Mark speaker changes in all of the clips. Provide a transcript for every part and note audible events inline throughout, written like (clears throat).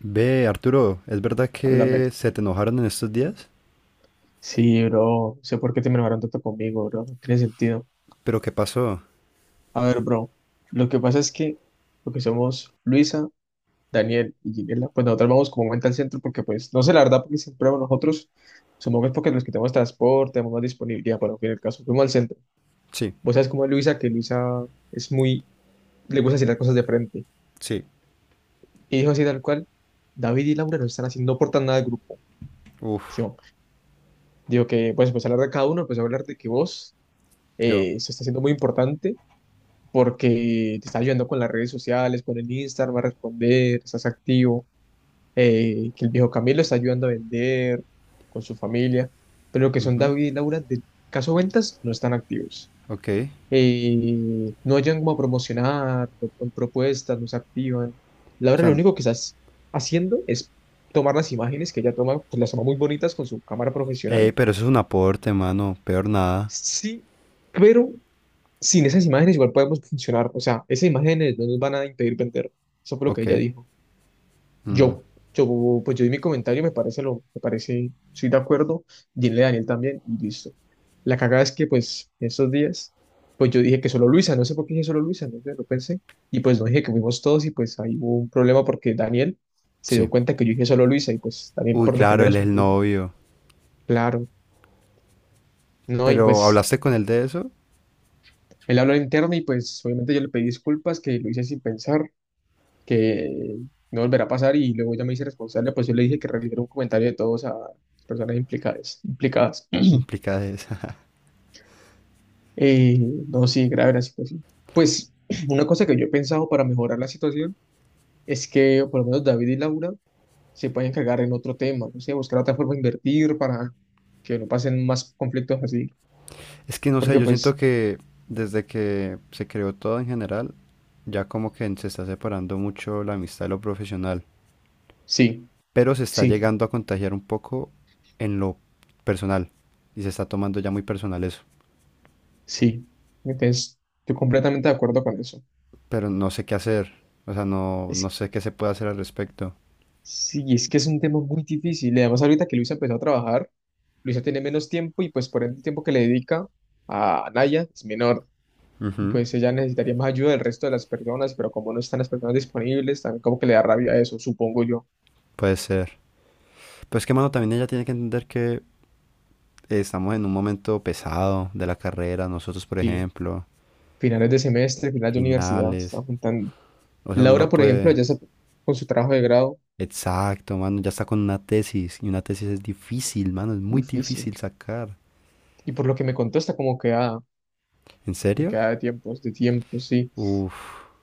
Speaker 1: Ve, Arturo, ¿es verdad
Speaker 2: Háblame.
Speaker 1: que se te enojaron en estos días?
Speaker 2: Sí, bro. No sé por qué te enojaron tanto conmigo, bro. No tiene sentido.
Speaker 1: ¿Pero qué pasó?
Speaker 2: A ver, bro. Lo que pasa es que lo que somos Luisa, Daniel y Ginela, pues nosotros vamos como cuenta al centro porque, pues, no sé la verdad, porque siempre vamos nosotros. Supongo que es porque los que tenemos transporte, tenemos más disponibilidad, pero en fin, el caso, fuimos al centro.
Speaker 1: Sí,
Speaker 2: Vos sabes cómo es Luisa, que Luisa es muy, le gusta decir las cosas de frente.
Speaker 1: sí.
Speaker 2: Y dijo así tal cual, David y Laura no están haciendo, no aportan nada al grupo.
Speaker 1: Uf,
Speaker 2: Yo digo que, pues hablar de cada uno, pues hablar de que vos
Speaker 1: yo.
Speaker 2: se está haciendo muy importante porque te está ayudando con las redes sociales, con el Instagram, va a responder, estás activo, que el viejo Camilo está ayudando a vender con su familia, pero lo que son David y Laura de caso ventas no están activos.
Speaker 1: Ok.
Speaker 2: No hayan como a promocionar, no ponen propuestas, no se activan.
Speaker 1: O
Speaker 2: Laura
Speaker 1: sea,
Speaker 2: lo único que estás haciendo es tomar las imágenes que ella toma, pues las toma muy bonitas con su cámara profesional.
Speaker 1: pero eso es un aporte, mano. Peor nada.
Speaker 2: Sí, pero sin esas imágenes igual podemos funcionar. O sea, esas imágenes no nos van a impedir vender. Eso fue lo que
Speaker 1: Ok.
Speaker 2: ella dijo. Yo, pues yo di mi comentario, me parece lo, me parece, estoy de acuerdo. Dile a Daniel también y listo. La cagada es que, pues, esos días, pues yo dije que solo Luisa, no sé por qué dije solo Luisa, no sé, lo pensé. Y pues no dije que fuimos todos y pues ahí hubo un problema porque Daniel se
Speaker 1: Sí.
Speaker 2: dio cuenta que yo dije solo Luisa y pues Daniel
Speaker 1: Uy,
Speaker 2: por
Speaker 1: claro,
Speaker 2: defender a
Speaker 1: él es
Speaker 2: su
Speaker 1: el
Speaker 2: novia.
Speaker 1: novio.
Speaker 2: Claro, no, y
Speaker 1: Pero,
Speaker 2: pues
Speaker 1: ¿hablaste con él de eso?
Speaker 2: él habló al interno y pues obviamente yo le pedí disculpas que lo hice sin pensar que no volverá a pasar y luego ya me hice responsable, pues yo le dije que realizara un comentario de todos a las personas implicadas, implicadas.
Speaker 1: Implicada esa. (laughs)
Speaker 2: Eh, no, sí, grave la situación. Pues (clears throat) una cosa que yo he pensado para mejorar la situación es que por lo menos David y Laura se pueden encargar en otro tema, no sé, buscar otra forma de invertir para que no pasen más conflictos así,
Speaker 1: Es que no sé,
Speaker 2: porque
Speaker 1: yo siento
Speaker 2: pues
Speaker 1: que desde que se creó todo en general, ya como que se está separando mucho la amistad de lo profesional.
Speaker 2: sí,
Speaker 1: Pero se está
Speaker 2: sí,
Speaker 1: llegando a contagiar un poco en lo personal y se está tomando ya muy personal eso,
Speaker 2: sí. Entonces, estoy completamente de acuerdo con eso.
Speaker 1: pero no sé qué hacer, o sea, no,
Speaker 2: Es
Speaker 1: no sé qué se puede hacer al respecto.
Speaker 2: Sí, es que es un tema muy difícil. Y además, ahorita que Luisa empezó a trabajar, Luisa tiene menos tiempo y pues por ende el tiempo que le dedica a Naya es menor. Y
Speaker 1: Ujú.
Speaker 2: pues ella necesitaría más ayuda del resto de las personas, pero como no están las personas disponibles, también como que le da rabia eso, supongo yo.
Speaker 1: Puede ser. Pues que, mano, también ella tiene que entender que estamos en un momento pesado de la carrera, nosotros, por
Speaker 2: Sí,
Speaker 1: ejemplo,
Speaker 2: finales de semestre, finales de universidad, se
Speaker 1: finales,
Speaker 2: están juntando.
Speaker 1: o sea, uno
Speaker 2: Laura,
Speaker 1: no
Speaker 2: por ejemplo,
Speaker 1: puede...
Speaker 2: ella está con su trabajo de grado,
Speaker 1: Exacto, mano, ya está con una tesis y una tesis es difícil, mano, es muy
Speaker 2: difícil.
Speaker 1: difícil sacar.
Speaker 2: Y por lo que me contó, está como queda,
Speaker 1: ¿En serio?
Speaker 2: de tiempos, sí.
Speaker 1: Uf,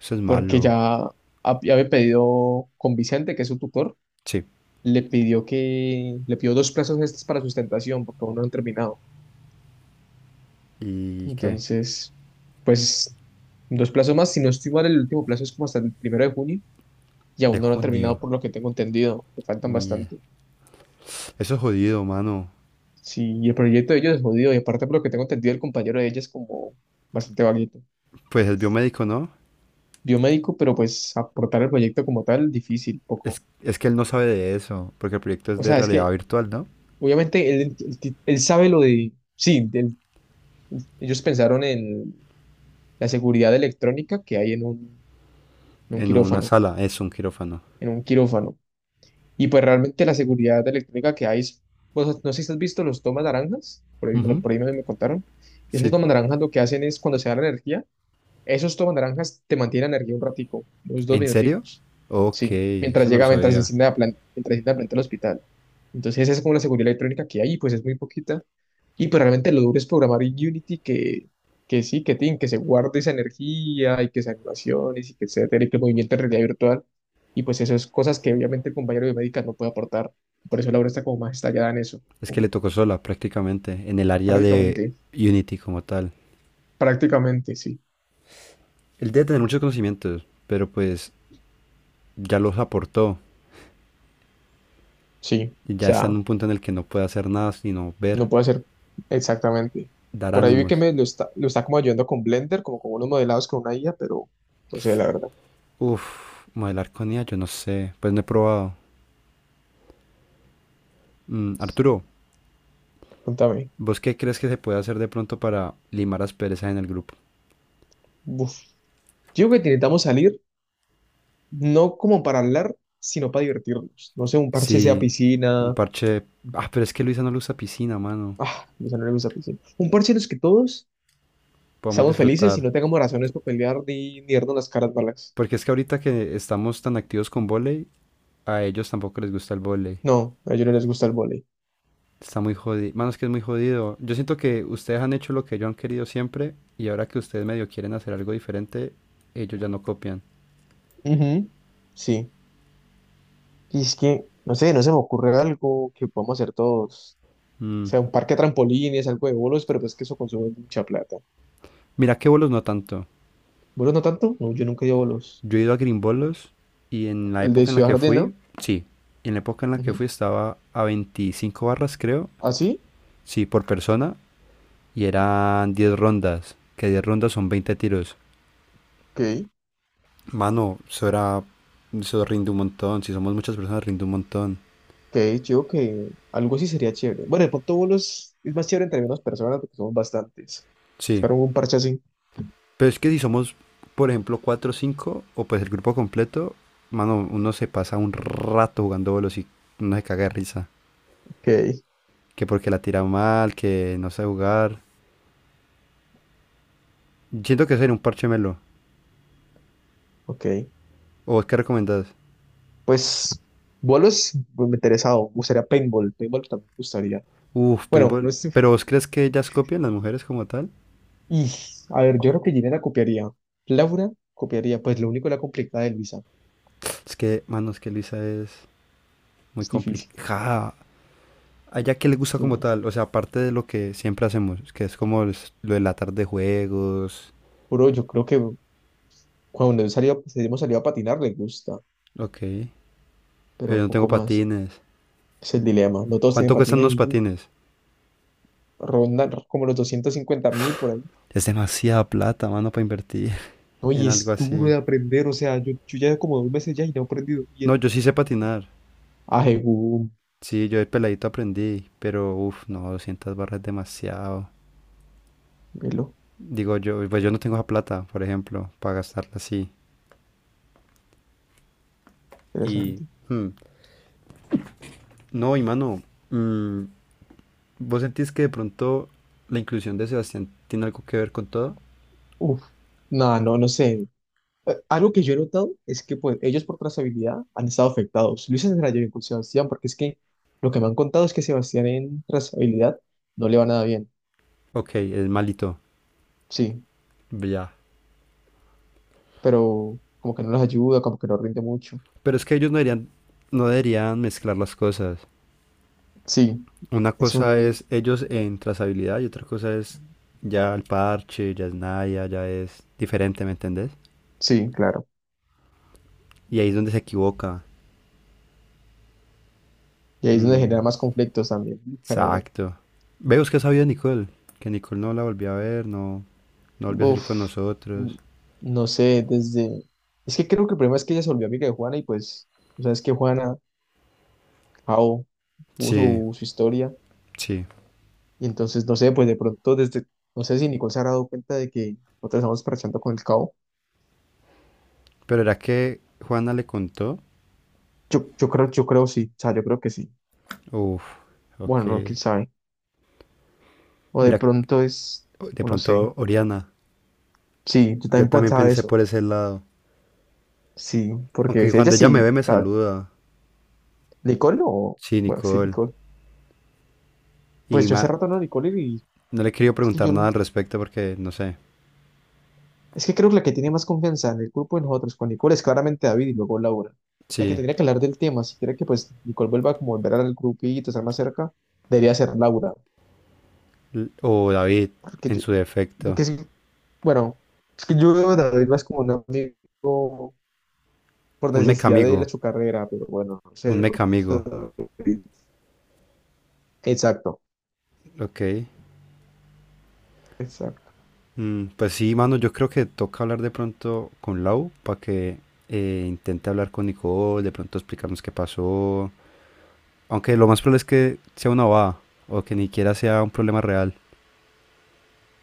Speaker 1: eso es
Speaker 2: Porque
Speaker 1: malo.
Speaker 2: ya ya había pedido con Vicente, que es su tutor,
Speaker 1: Sí.
Speaker 2: le pidió dos plazos extras para sustentación, porque aún no han terminado.
Speaker 1: ¿Y qué?
Speaker 2: Entonces, pues, dos plazos más. Si no estoy mal, el último plazo es como hasta el primero de junio, y
Speaker 1: De
Speaker 2: aún no lo han
Speaker 1: junio.
Speaker 2: terminado, por lo que tengo entendido, que faltan
Speaker 1: Mie.
Speaker 2: bastante.
Speaker 1: Eso es jodido, mano.
Speaker 2: Sí, y el proyecto de ellos es jodido, y aparte, por lo que tengo entendido, el compañero de ella es como bastante vaguito.
Speaker 1: Pues es biomédico, ¿no?
Speaker 2: Biomédico, pero pues aportar el proyecto como tal, difícil,
Speaker 1: Es,
Speaker 2: poco.
Speaker 1: es que él no sabe de eso, porque el proyecto es
Speaker 2: O
Speaker 1: de
Speaker 2: sea, es
Speaker 1: realidad
Speaker 2: que
Speaker 1: virtual, ¿no?
Speaker 2: obviamente él sabe lo de, sí, del- ellos pensaron en la seguridad electrónica que hay en un
Speaker 1: En una
Speaker 2: quirófano,
Speaker 1: sala, es un quirófano.
Speaker 2: en un quirófano. Y pues realmente la seguridad electrónica que hay, es- pues, no sé si has visto los tomas naranjas, por ahí,
Speaker 1: Ujú.
Speaker 2: por ahí me contaron, esos
Speaker 1: Sí.
Speaker 2: tomas naranjas lo que hacen es cuando se da la energía, esos tomas naranjas te mantienen energía un ratico, unos dos
Speaker 1: ¿En serio?
Speaker 2: minuticos.
Speaker 1: Ok,
Speaker 2: Sí, mientras
Speaker 1: eso no lo
Speaker 2: llega, mientras
Speaker 1: sabía.
Speaker 2: enciende la planta, mientras enciende la planta del hospital. Entonces esa es como la seguridad electrónica que hay, pues es muy poquita. Y pues realmente lo duro es programar en Unity que sí, que tin, que se guarde esa energía y que esas animaciones y que etcétera, y que el movimiento en realidad virtual. Y pues esas cosas que obviamente el compañero biomédica no puede aportar. Por eso la obra está como más estallada en eso.
Speaker 1: Es que le tocó sola prácticamente en el área de
Speaker 2: Prácticamente,
Speaker 1: Unity como tal.
Speaker 2: prácticamente, sí.
Speaker 1: Él debe tener muchos conocimientos, pero pues ya los aportó
Speaker 2: Sí, o
Speaker 1: y ya está en
Speaker 2: sea,
Speaker 1: un punto en el que no puede hacer nada sino ver,
Speaker 2: no puede ser exactamente.
Speaker 1: dar
Speaker 2: Por ahí vi que
Speaker 1: ánimos.
Speaker 2: lo está como ayudando con Blender, como con unos modelados con una IA, pero no sé, la verdad.
Speaker 1: Uf, modelar con ella, yo no sé, pues no he probado. Mm, Arturo,
Speaker 2: Contame.
Speaker 1: ¿vos qué crees que se puede hacer de pronto para limar las perezas en el grupo?
Speaker 2: Uf. Yo creo que necesitamos salir, no como para hablar, sino para divertirnos. No sé, un parche sea
Speaker 1: Sí, un
Speaker 2: piscina.
Speaker 1: parche... Ah, pero es que Luisa no le usa piscina, mano.
Speaker 2: Ah, a mis amigos a piscina. Un parche en los que todos
Speaker 1: Podemos
Speaker 2: estamos felices y
Speaker 1: disfrutar.
Speaker 2: no tengamos razones para pelear ni darnos las caras malas.
Speaker 1: Porque es que ahorita que estamos tan activos con volei, a ellos tampoco les gusta el volei.
Speaker 2: No, a ellos no les gusta el vóley.
Speaker 1: Está muy jodido. Mano, es que es muy jodido. Yo siento que ustedes han hecho lo que ellos han querido siempre y ahora que ustedes medio quieren hacer algo diferente, ellos ya no copian.
Speaker 2: Ujú, sí. Y es que, no sé, no se me ocurre algo que podamos hacer todos. O
Speaker 1: Mm,
Speaker 2: sea, un parque de trampolines, algo de bolos, pero pues que eso consume mucha plata.
Speaker 1: Mira que bolos no tanto.
Speaker 2: ¿Bolos no tanto? No, yo nunca he ido a bolos.
Speaker 1: Yo he ido a Grimbolos y en la
Speaker 2: El de
Speaker 1: época en la
Speaker 2: Ciudad
Speaker 1: que
Speaker 2: Jardín, ¿no?
Speaker 1: fui, sí, en la época en la que
Speaker 2: Ujú.
Speaker 1: fui estaba a 25 barras, creo,
Speaker 2: ¿Ah, sí?
Speaker 1: sí, por persona, y eran 10 rondas, que 10 rondas son 20 tiros.
Speaker 2: Ok.
Speaker 1: Mano, eso era, eso rinde un montón, si somos muchas personas rinde un montón,
Speaker 2: Ok, yo creo que algo así sería chévere. Bueno, de pronto bolos es más chévere entre menos personas porque somos bastantes.
Speaker 1: sí.
Speaker 2: Buscar un parche así.
Speaker 1: Pero es que si somos, por ejemplo, 4 o 5 o pues el grupo completo, mano, uno se pasa un rato jugando bolos y uno se caga de risa.
Speaker 2: Ok,
Speaker 1: Que porque la tira mal, que no sabe jugar. Siento que sería un parche melo.
Speaker 2: ok.
Speaker 1: ¿O vos qué recomendás?
Speaker 2: Pues bolos, pues, me interesado. Me gustaría paintball. Paintball también me gustaría.
Speaker 1: Uf,
Speaker 2: Bueno,
Speaker 1: paintball.
Speaker 2: no sé.
Speaker 1: ¿Pero vos crees que ellas copian las mujeres como tal?
Speaker 2: Y, a ver, yo creo que Gina la copiaría. Laura copiaría. Pues lo único la complicada de Luisa.
Speaker 1: Es que, mano, es que Luisa es muy
Speaker 2: Es difícil.
Speaker 1: complicada. ¿A ella qué le gusta como tal? O sea, aparte de lo que siempre hacemos, que es como lo de la tarde de juegos.
Speaker 2: Bro, yo creo que cuando él salió, pues, hemos salido a patinar le gusta,
Speaker 1: Ok, pero yo
Speaker 2: pero
Speaker 1: no tengo
Speaker 2: poco más.
Speaker 1: patines.
Speaker 2: Es el dilema. No todos tienen
Speaker 1: ¿Cuánto cuestan
Speaker 2: patines
Speaker 1: los
Speaker 2: y uf,
Speaker 1: patines?
Speaker 2: rondan como los 250.000 por ahí.
Speaker 1: Es demasiada plata, mano, para invertir (laughs)
Speaker 2: No, y
Speaker 1: en algo
Speaker 2: es duro
Speaker 1: así.
Speaker 2: de aprender. O sea, yo ya como 2 meses ya y no he aprendido
Speaker 1: No,
Speaker 2: bien.
Speaker 1: yo sí sé patinar.
Speaker 2: Ajegú,
Speaker 1: Sí, yo de peladito aprendí, pero uff, no, 200 barras es demasiado.
Speaker 2: velo,
Speaker 1: Digo yo, pues yo no tengo esa plata, por ejemplo, para gastarla así. Y
Speaker 2: interesante.
Speaker 1: hmm, no, y mano, mm, ¿vos sentís que de pronto la inclusión de Sebastián tiene algo que ver con todo?
Speaker 2: Uf, no, no, no sé. Algo que yo he notado es que pues, ellos por trazabilidad han estado afectados. Luis Andrade bien con Sebastián, porque es que lo que me han contado es que Sebastián en trazabilidad no le va nada bien.
Speaker 1: Ok, es malito,
Speaker 2: Sí,
Speaker 1: ya.
Speaker 2: pero como que no los ayuda, como que no rinde mucho.
Speaker 1: Pero es que ellos no deberían mezclar las cosas.
Speaker 2: Sí,
Speaker 1: Una
Speaker 2: es
Speaker 1: cosa
Speaker 2: un,
Speaker 1: es ellos en trazabilidad y otra cosa es ya el parche, ya es Naya, ya es diferente, ¿me entendés?
Speaker 2: sí, claro.
Speaker 1: Y ahí es donde se equivoca.
Speaker 2: Y ahí es donde
Speaker 1: Mm,
Speaker 2: genera más conflictos también, pero bueno.
Speaker 1: exacto. Veo que sabía de Nicole, que Nicole no la volví a ver, no. No volvió a salir con
Speaker 2: Uf, n-
Speaker 1: nosotros.
Speaker 2: no sé, desde... Es que creo que el problema es que ella se volvió amiga de Juana y pues, o sea, es que Juana, Jao, tuvo
Speaker 1: Sí,
Speaker 2: su historia
Speaker 1: sí.
Speaker 2: y entonces, no sé, pues de pronto desde, no sé si Nicole se habrá dado cuenta de que nosotros estamos parchando con el Cao.
Speaker 1: Pero era que Juana le contó.
Speaker 2: Yo creo sí, o sea, yo creo que sí.
Speaker 1: Uf,
Speaker 2: Bueno,
Speaker 1: ok.
Speaker 2: no, quién sabe. O de
Speaker 1: Mira,
Speaker 2: pronto
Speaker 1: de
Speaker 2: o no sé.
Speaker 1: pronto Oriana.
Speaker 2: Sí, yo
Speaker 1: Yo
Speaker 2: también
Speaker 1: también
Speaker 2: pensaba
Speaker 1: pensé
Speaker 2: eso.
Speaker 1: por ese lado.
Speaker 2: Sí, porque
Speaker 1: Aunque
Speaker 2: ella
Speaker 1: cuando ella
Speaker 2: sí,
Speaker 1: me ve me
Speaker 2: o sea,
Speaker 1: saluda.
Speaker 2: licor o,
Speaker 1: Sí,
Speaker 2: bueno, sí,
Speaker 1: Nicole.
Speaker 2: licor.
Speaker 1: Y
Speaker 2: Pues yo hace
Speaker 1: ma-
Speaker 2: rato no licor y
Speaker 1: no le he querido
Speaker 2: es que
Speaker 1: preguntar
Speaker 2: yo,
Speaker 1: nada
Speaker 2: no-
Speaker 1: al respecto porque no sé.
Speaker 2: es que creo que la que tiene más confianza en el grupo de nosotros con licor es claramente David y luego Laura. Ya que
Speaker 1: Sí.
Speaker 2: tendría que hablar del tema, si quiere que pues Nicole vuelva como volver al grupito, estar más cerca, debería ser Laura.
Speaker 1: O David,
Speaker 2: Porque
Speaker 1: en
Speaker 2: yo,
Speaker 1: su defecto.
Speaker 2: porque sí, bueno, es que yo veo a David más como un amigo por
Speaker 1: Un
Speaker 2: necesidad de él a
Speaker 1: mecamigo.
Speaker 2: su carrera, pero bueno, no sé,
Speaker 1: Un
Speaker 2: de pronto-
Speaker 1: mecamigo.
Speaker 2: Exacto,
Speaker 1: Ok.
Speaker 2: exacto.
Speaker 1: Mm, pues sí, mano, yo creo que toca hablar de pronto con Lau para que intente hablar con Nicole, de pronto explicarnos qué pasó. Aunque lo más probable es que sea una baba o que ni siquiera sea un problema real.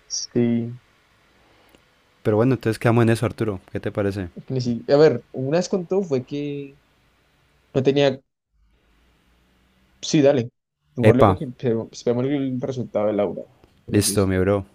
Speaker 2: Sí.
Speaker 1: Pero bueno, entonces quedamos en eso, Arturo. ¿Qué te parece?
Speaker 2: Ni si- A ver, una vez contó fue que no tenía. Sí, dale. Mejor luego
Speaker 1: Epa,
Speaker 2: que esperemos el resultado de Laura, que nos
Speaker 1: listo,
Speaker 2: dice.
Speaker 1: mi bro.